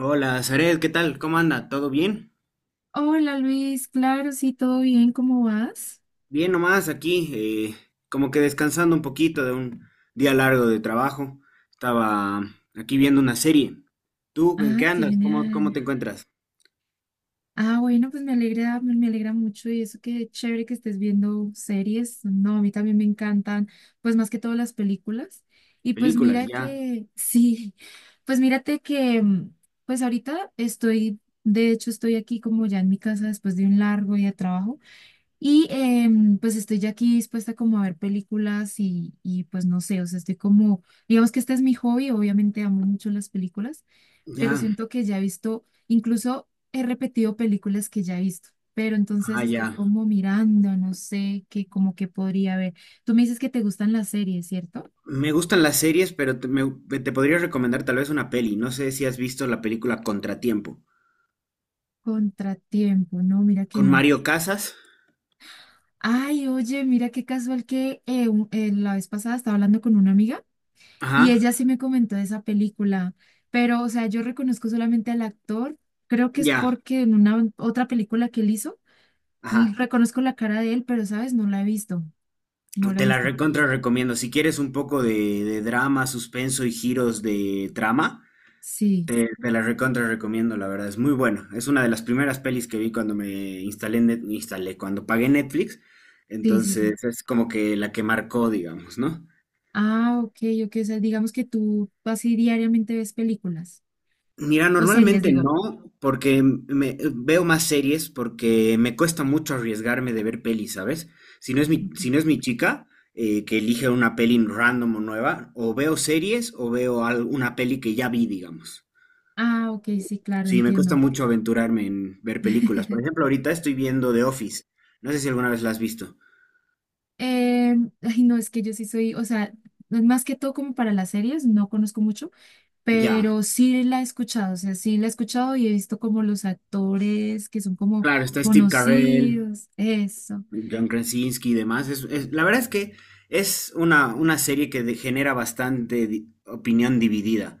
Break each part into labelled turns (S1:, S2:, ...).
S1: Hola, Zaret, ¿qué tal? ¿Cómo anda? ¿Todo bien?
S2: Hola Luis, claro, sí, todo bien, ¿cómo vas?
S1: Bien nomás aquí, como que descansando un poquito de un día largo de trabajo. Estaba aquí viendo una serie. ¿Tú en
S2: Ah,
S1: qué
S2: qué
S1: andas? ¿Cómo
S2: genial.
S1: te encuentras?
S2: Ah, bueno, pues me alegra, me alegra mucho y eso que chévere que estés viendo series. No, a mí también me encantan, pues más que todo las películas. Y pues
S1: Películas,
S2: mira
S1: ya,
S2: que, sí, pues mírate que, pues ahorita estoy, de hecho estoy aquí como ya en mi casa después de un largo día de trabajo. Pues estoy ya aquí dispuesta como a ver películas y pues no sé, o sea, estoy como, digamos que este es mi hobby, obviamente amo mucho las películas, pero
S1: ya,
S2: siento que ya he visto, incluso he repetido películas que ya he visto, pero entonces
S1: ah,
S2: estoy
S1: ya.
S2: como mirando, no sé, qué como que podría ver. Tú me dices que te gustan las series, ¿cierto?
S1: Me gustan las series, pero te podría recomendar tal vez una peli. No sé si has visto la película Contratiempo.
S2: Contratiempo, no, mira que
S1: Con
S2: no.
S1: Mario Casas.
S2: Ay, oye, mira qué casual que la vez pasada estaba hablando con una amiga.
S1: Ajá,
S2: Y ella sí me comentó de esa película, pero, o sea, yo reconozco solamente al actor, creo que es
S1: ya,
S2: porque en una otra película que él hizo,
S1: ajá.
S2: reconozco la cara de él, pero, ¿sabes? No la he visto, no la he
S1: Te la
S2: visto.
S1: recontra recomiendo. Si quieres un poco de drama, suspenso y giros de trama,
S2: Sí,
S1: te la recontra recomiendo, la verdad. Es muy buena. Es una de las primeras pelis que vi cuando me instalé, cuando pagué Netflix.
S2: sí, sí, sí.
S1: Entonces es como que la que marcó, digamos, ¿no?
S2: Ah, ok, ok, o sea, digamos que tú así diariamente ves películas,
S1: Mira,
S2: o series,
S1: normalmente
S2: digo.
S1: no, porque me, veo más series, porque me cuesta mucho arriesgarme de ver pelis, ¿sabes?
S2: Ok.
S1: Si no es mi chica, que elige una peli random o nueva, o veo series o una peli que ya vi, digamos.
S2: Ah, ok, sí, claro,
S1: Sí, me cuesta
S2: entiendo.
S1: mucho aventurarme en ver películas. Por ejemplo, ahorita estoy viendo The Office. No sé si alguna vez la has visto.
S2: Ay, no, es que yo sí soy, o sea, más que todo como para las series, no conozco mucho,
S1: Ya,
S2: pero sí la he escuchado, o sea, sí la he escuchado y he visto como los actores que son como
S1: claro, está Steve Carell.
S2: conocidos, eso,
S1: John Krasinski y demás. La verdad es que es una serie que genera bastante opinión dividida,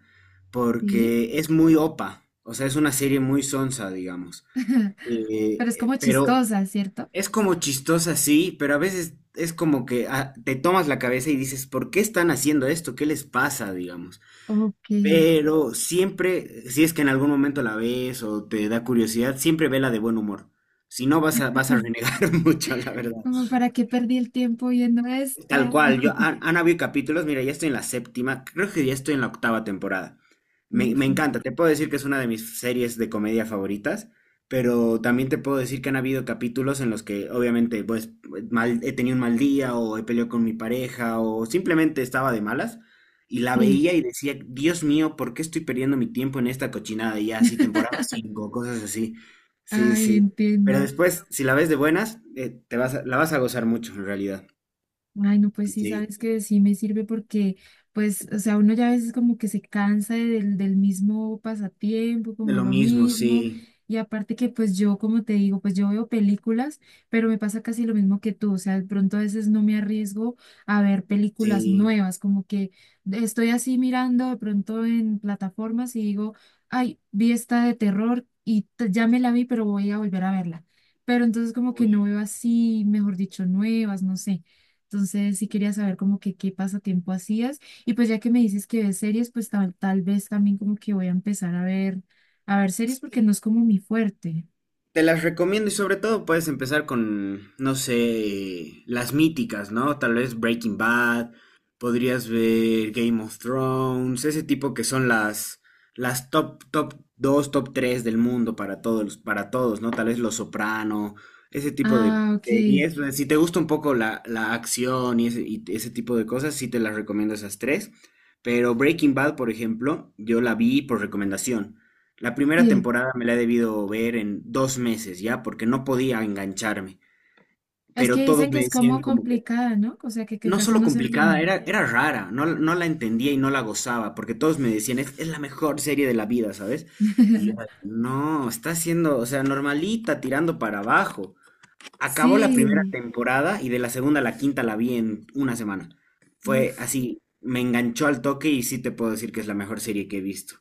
S2: sí,
S1: porque es muy opa, o sea, es una serie muy sonsa, digamos. Eh,
S2: pero es
S1: eh,
S2: como
S1: pero
S2: chistosa, ¿cierto?
S1: es como chistosa, sí, pero a veces es como que ah, te tomas la cabeza y dices, ¿por qué están haciendo esto? ¿Qué les pasa, digamos?
S2: Ok,
S1: Pero siempre, si es que en algún momento la ves o te da curiosidad, siempre vela de buen humor. Si no, vas a renegar mucho, la verdad.
S2: como para qué perdí el tiempo viendo
S1: Tal
S2: esto.
S1: cual, han habido capítulos, mira, ya estoy en la séptima, creo que ya estoy en la octava temporada. Me,
S2: Uf,
S1: me encanta, te puedo decir que es una de mis series de comedia favoritas, pero también te puedo decir que han habido capítulos en los que obviamente pues mal, he tenido un mal día o he peleado con mi pareja o simplemente estaba de malas y la
S2: sí,
S1: veía y decía, Dios mío, ¿por qué estoy perdiendo mi tiempo en esta cochinada? Y ya así, temporada 5 cosas así. Sí,
S2: ay,
S1: sí. Pero
S2: entiendo.
S1: después, si la ves de buenas, la vas a gozar mucho en realidad.
S2: Ay, no, pues sí,
S1: Sí.
S2: sabes que sí me sirve porque, pues, o sea, uno ya a veces como que se cansa de- del, del mismo pasatiempo,
S1: De
S2: como
S1: lo
S2: lo
S1: mismo,
S2: mismo.
S1: sí,
S2: Y aparte que, pues, yo, como te digo, pues yo veo películas, pero me pasa casi lo mismo que tú. O sea, de pronto a veces no me arriesgo a ver películas
S1: sí.
S2: nuevas, como que estoy así mirando de pronto en plataformas y digo, ay, vi esta de terror y ya me la vi, pero voy a volver a verla. Pero entonces como que no
S1: Uy.
S2: veo así, mejor dicho, nuevas, no sé. Entonces sí quería saber como que qué pasatiempo hacías. Y pues ya que me dices que ves series, pues tal vez también como que voy a empezar a ver, series porque no es como mi fuerte.
S1: Te las recomiendo y sobre todo puedes empezar con, no sé, las míticas, ¿no? Tal vez Breaking Bad, podrías ver Game of Thrones, ese tipo que son las top, top 2 top 3 del mundo para todos, ¿no? Tal vez Los Soprano, ese tipo de
S2: Ah, ok.
S1: series. O sea, si te gusta un poco la acción y y ese tipo de cosas, sí te las recomiendo esas tres. Pero Breaking Bad, por ejemplo, yo la vi por recomendación. La primera
S2: Sí.
S1: temporada me la he debido ver en 2 meses ya, porque no podía engancharme.
S2: Es
S1: Pero
S2: que dicen
S1: todos
S2: que
S1: me
S2: es como
S1: decían como que,
S2: complicada, ¿no? O sea, que
S1: no
S2: casi
S1: solo
S2: no se
S1: complicada,
S2: entiende.
S1: era rara, no, no la entendía y no la gozaba, porque todos me decían, es la mejor serie de la vida, ¿sabes? Y yo, no, está siendo, o sea, normalita, tirando para abajo. Acabó la primera
S2: Sí.
S1: temporada y de la segunda a la quinta la vi en una semana. Fue
S2: Uf.
S1: así, me enganchó al toque y sí te puedo decir que es la mejor serie que he visto.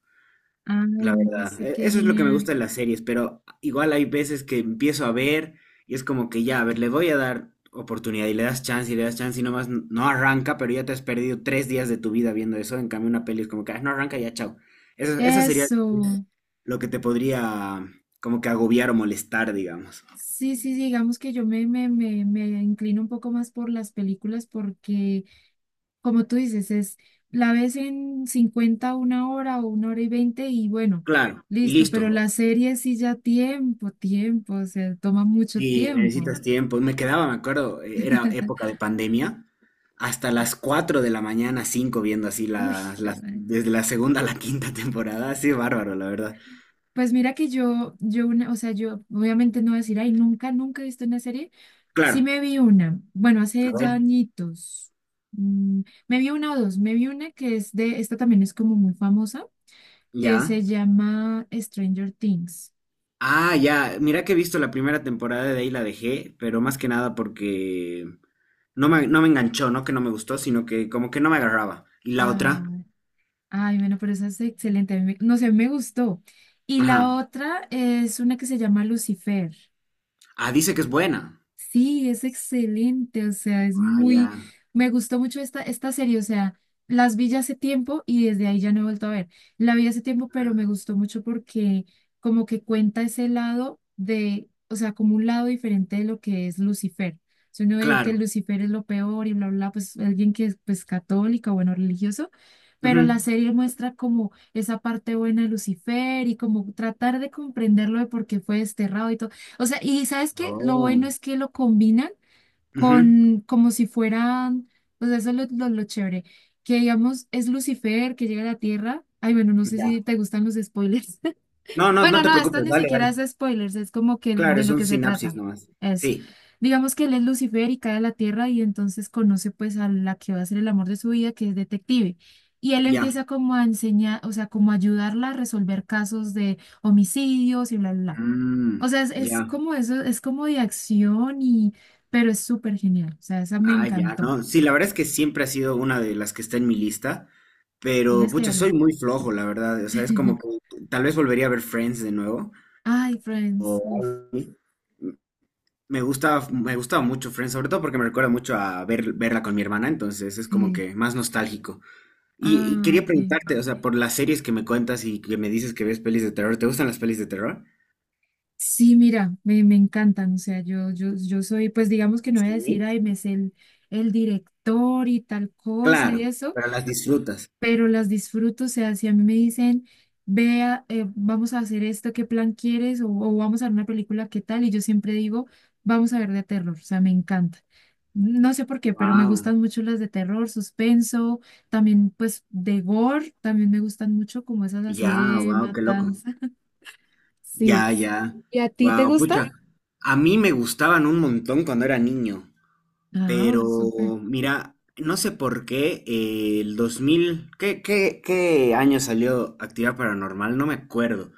S2: Ay,
S1: La
S2: no
S1: verdad,
S2: sé qué
S1: eso es lo que me
S2: genial.
S1: gusta de las series, pero igual hay veces que empiezo a ver y es como que ya, a ver, le voy a dar oportunidad y le das chance y le das chance y nomás no arranca, pero ya te has perdido 3 días de tu vida viendo eso. En cambio, una peli es como que "Ah, no arranca, ya chao." Eso sería
S2: Eso.
S1: lo que te podría como que agobiar o molestar, digamos.
S2: Sí, sí, sí, digamos que yo me inclino un poco más por las películas porque como tú dices, es la ves en 50 una hora o una hora y 20 y bueno,
S1: Claro, y
S2: listo, pero
S1: listo.
S2: la serie sí ya tiempo, tiempo, o sea, toma mucho
S1: Sí,
S2: tiempo.
S1: necesitas tiempo. Me quedaba, me acuerdo, era época de pandemia, hasta las 4 de la mañana, 5 viendo así
S2: Uy, juemadre.
S1: desde la segunda a la quinta temporada. Así bárbaro, la verdad.
S2: Pues mira que yo una, o sea, yo obviamente no voy a decir, ay, nunca, nunca he visto una serie.
S1: Claro,
S2: Sí me vi una, bueno, hace
S1: a
S2: ya
S1: ver,
S2: añitos. Mm, Me vi una o dos, me vi una que es de, esta también es como muy famosa, que
S1: ya.
S2: se llama Stranger Things.
S1: Ah, ya. Mira que he visto la primera temporada, de ahí la dejé, pero más que nada porque no me enganchó, no que no me gustó, sino que como que no me agarraba. Y la
S2: Ah,
S1: otra,
S2: ay, bueno, pero esa es excelente. A mí me- no sé, me gustó. Y
S1: ajá.
S2: la otra es una que se llama Lucifer.
S1: Ah, dice que es buena.
S2: Sí, es excelente, o sea, es
S1: Ah,
S2: muy,
S1: ya.
S2: me gustó mucho esta serie, o sea, las vi ya hace tiempo y desde ahí ya no he vuelto a ver. La vi hace tiempo, pero me gustó mucho porque como que cuenta ese lado de, o sea, como un lado diferente de lo que es Lucifer. Si uno ve
S1: Claro.
S2: que Lucifer es lo peor y bla, bla, bla, pues alguien que es pues católico, bueno, religioso, pero la
S1: Ujú.
S2: serie muestra como esa parte buena de Lucifer y como tratar de comprenderlo de por qué fue desterrado y todo. O sea, y ¿sabes qué? Lo bueno
S1: Oh.
S2: es que lo combinan
S1: Ujú.
S2: con como si fueran, o sea, eso es lo chévere, que digamos es Lucifer que llega a la Tierra. Ay, bueno, no sé si
S1: Ya,
S2: te gustan los spoilers.
S1: no, no
S2: Bueno,
S1: te
S2: no, esto
S1: preocupes,
S2: ni
S1: dale,
S2: siquiera es
S1: dale.
S2: spoilers, es como que
S1: Claro,
S2: de
S1: es
S2: lo
S1: un
S2: que se
S1: sinapsis
S2: trata.
S1: nomás.
S2: Es,
S1: Sí,
S2: digamos que él es Lucifer y cae a la Tierra y entonces conoce pues a la que va a ser el amor de su vida, que es detective. Y él
S1: ya.
S2: empieza como a enseñar, o sea, como a ayudarla a resolver casos de homicidios y bla, bla, bla.
S1: Mm,
S2: O sea,
S1: ya.
S2: es como eso, es como de acción y, pero es súper genial. O sea, esa me
S1: Ah, ya,
S2: encantó.
S1: no. Sí, la verdad es que siempre ha sido una de las que está en mi lista, pero
S2: Tienes que
S1: pucha,
S2: verla.
S1: soy muy flojo, la verdad. O sea, es como que tal vez volvería a ver Friends de nuevo.
S2: Ay,
S1: O
S2: Friends. Uf,
S1: algo así. Me gustaba mucho Friends, sobre todo porque me recuerda mucho verla con mi hermana, entonces es como
S2: sí.
S1: que más nostálgico. Y
S2: Ah,
S1: quería
S2: ok.
S1: preguntarte, o sea, por las series que me cuentas y que me dices que ves pelis de terror, ¿te gustan las pelis de terror?
S2: Sí, mira, me encantan. O sea, yo soy, pues digamos que no voy a decir,
S1: Sí.
S2: ay, me sé el director y tal cosa y
S1: Claro,
S2: eso,
S1: pero las disfrutas.
S2: pero las disfruto. O sea, si a mí me dicen, vea, vamos a hacer esto, ¿qué plan quieres? O vamos a ver una película, ¿qué tal? Y yo siempre digo, vamos a ver de terror. O sea, me encanta. No sé por qué, pero me
S1: Wow,
S2: gustan mucho las de terror, suspenso, también pues de gore, también me gustan mucho como esas así
S1: ya,
S2: de
S1: wow, qué loco.
S2: matanza. Sí.
S1: Ya, ya.
S2: ¿Y a ti te
S1: Wow,
S2: gusta?
S1: pucha. A mí me gustaban un montón cuando era niño,
S2: Ah, oh, súper.
S1: pero mira, no sé por qué el 2000, ¿qué año salió Actividad Paranormal? No me acuerdo.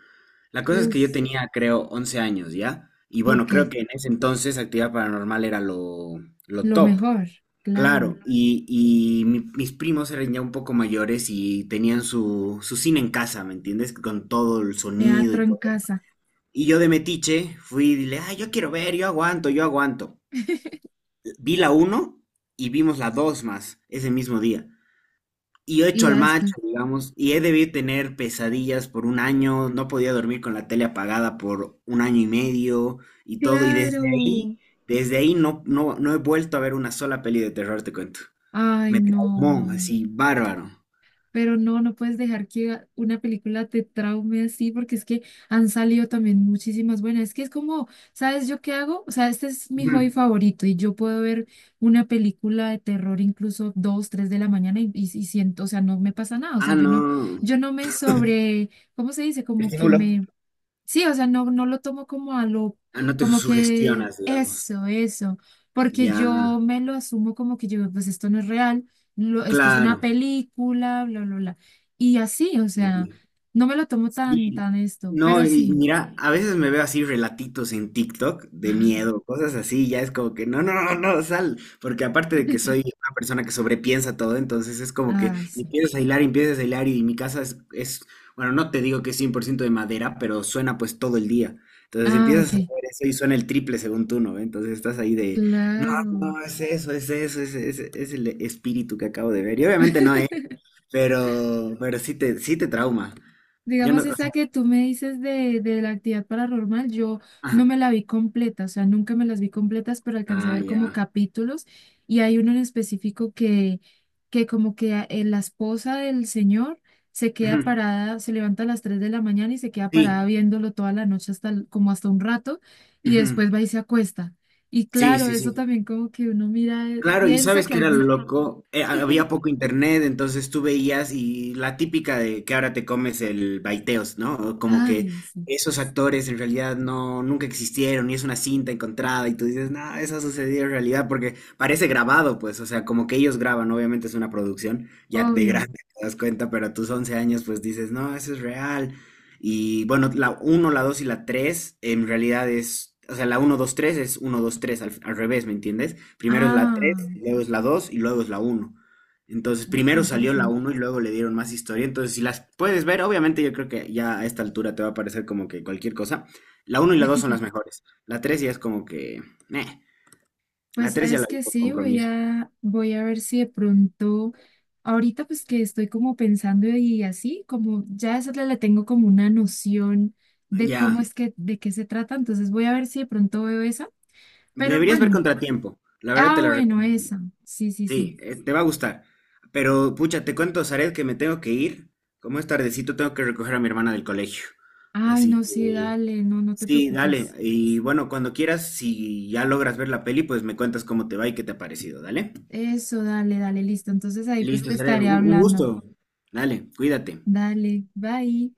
S1: La cosa es que yo
S2: Uf,
S1: tenía, creo, 11 años, ¿ya? Y bueno,
S2: ok,
S1: creo que en ese entonces Actividad Paranormal era lo
S2: lo
S1: top.
S2: mejor, claro.
S1: Claro, y mis primos eran ya un poco mayores y tenían su cine en casa, ¿me entiendes? Con todo el sonido
S2: Teatro
S1: y
S2: en
S1: todo.
S2: casa.
S1: Y yo de metiche fui y dile, ah, yo quiero ver, yo aguanto, yo aguanto. Vi la uno y vimos la 2 más ese mismo día. Y yo
S2: Y
S1: hecho
S2: ya
S1: al macho,
S2: después.
S1: digamos, y he debido tener pesadillas por un año, no podía dormir con la tele apagada por un año y medio y todo. Y
S2: Claro.
S1: desde ahí no, no he vuelto a ver una sola peli de terror, te cuento.
S2: Ay,
S1: Me traumó,
S2: no.
S1: así, bárbaro.
S2: Pero no, no puedes dejar que una película te traume así, porque es que han salido también muchísimas buenas. Es que es como, ¿sabes yo qué hago? O sea, este es mi hobby
S1: Ujú.
S2: favorito y yo puedo ver una película de terror incluso dos, tres de la mañana y siento, o sea, no me pasa nada. O sea,
S1: Ah,
S2: yo no,
S1: no.
S2: yo no me sobre, ¿cómo se dice? Como que
S1: Estímulo.
S2: me. Sí, o sea, no, no lo tomo como a lo,
S1: Ah, no te
S2: como que
S1: sugestionas, digamos.
S2: eso, porque
S1: Ya,
S2: yo me lo asumo como que yo, pues esto no es real, esto es una
S1: claro.
S2: película, bla, bla, bla. Y así, o sea, no me lo tomo tan,
S1: Y-
S2: tan esto,
S1: no,
S2: pero
S1: y
S2: sí.
S1: mira, a veces me veo así relatitos en TikTok de miedo, cosas así, ya es como que no, no, no, no, sal, porque aparte de que soy una persona que sobrepiensa todo, entonces es como que
S2: Ah, sí.
S1: empiezas a hilar y mi casa es, bueno, no te digo que es 100% de madera, pero suena pues todo el día. Entonces
S2: Ah, ok,
S1: empiezas a ver eso y suena el triple según tú, ¿no? Entonces estás ahí de, no,
S2: claro.
S1: no, es eso, es eso, es el espíritu que acabo de ver. Y obviamente no, ¿eh? Pero sí te trauma. Yo no,
S2: Digamos,
S1: o sea,
S2: esa que tú me dices de, la actividad paranormal, yo no
S1: ajá.
S2: me la vi completa, o sea, nunca me las vi completas, pero alcancé a
S1: Ah,
S2: ver como
S1: ya.
S2: capítulos y hay uno en específico que como que la esposa del señor se queda
S1: Ujú.
S2: parada, se levanta a las 3 de la mañana y se queda
S1: Sí.
S2: parada viéndolo toda la noche hasta como hasta un rato y
S1: Ujú.
S2: después va y se acuesta. Y
S1: Sí,
S2: claro,
S1: sí,
S2: eso
S1: sí.
S2: también como que uno mira,
S1: Claro, y
S2: piensa
S1: sabes
S2: que
S1: que era lo
S2: alguien...
S1: loco. Había poco internet, entonces tú veías y la típica de que ahora te comes el baiteos, ¿no? O como que
S2: Ay, sí,
S1: esos actores en realidad no, nunca existieron y es una cinta encontrada y tú dices, no, eso ha sucedido en realidad porque parece grabado, pues, o sea, como que ellos graban, obviamente es una producción, ya de
S2: obvio.
S1: grande te das cuenta, pero a tus 11 años pues dices, no, eso es real. Y bueno, la uno, la 2 y la 3 en realidad es, o sea, la uno 2 3 es uno 2 3 al revés, ¿me entiendes? Primero es la tres,
S2: Ah,
S1: luego es la 2 y luego es la uno. Entonces,
S2: oh, qué
S1: primero salió la
S2: interesante.
S1: uno y luego le dieron más historia. Entonces, si las puedes ver, obviamente yo creo que ya a esta altura te va a parecer como que cualquier cosa. La uno y la 2 son las mejores. La tres ya es como que...
S2: Pues
S1: la 3 ya la
S2: sabes
S1: vi
S2: que
S1: por
S2: sí, voy
S1: compromiso.
S2: a, voy a ver si de pronto, ahorita pues que estoy como pensando y así, como ya esa le tengo como una noción de cómo
S1: Ya.
S2: es que, de qué se trata, entonces voy a ver si de pronto veo esa, pero
S1: Deberías ver
S2: bueno,
S1: Contratiempo. La verdad te
S2: ah,
S1: la
S2: bueno,
S1: recomiendo.
S2: esa, sí, sí, sí.
S1: Sí, te va a gustar. Pero, pucha, te cuento, Zaret, que me tengo que ir. Como es tardecito, tengo que recoger a mi hermana del colegio.
S2: Ay,
S1: Así
S2: no, sí,
S1: que...
S2: dale, no, no te
S1: Sí, dale.
S2: preocupes.
S1: Y bueno, cuando quieras, si ya logras ver la peli, pues me cuentas cómo te va y qué te ha parecido, dale.
S2: Eso, dale, dale, listo. Entonces ahí pues te
S1: Listo, Zaret,
S2: estaré
S1: un gusto.
S2: hablando.
S1: Dale, cuídate.
S2: Dale, bye.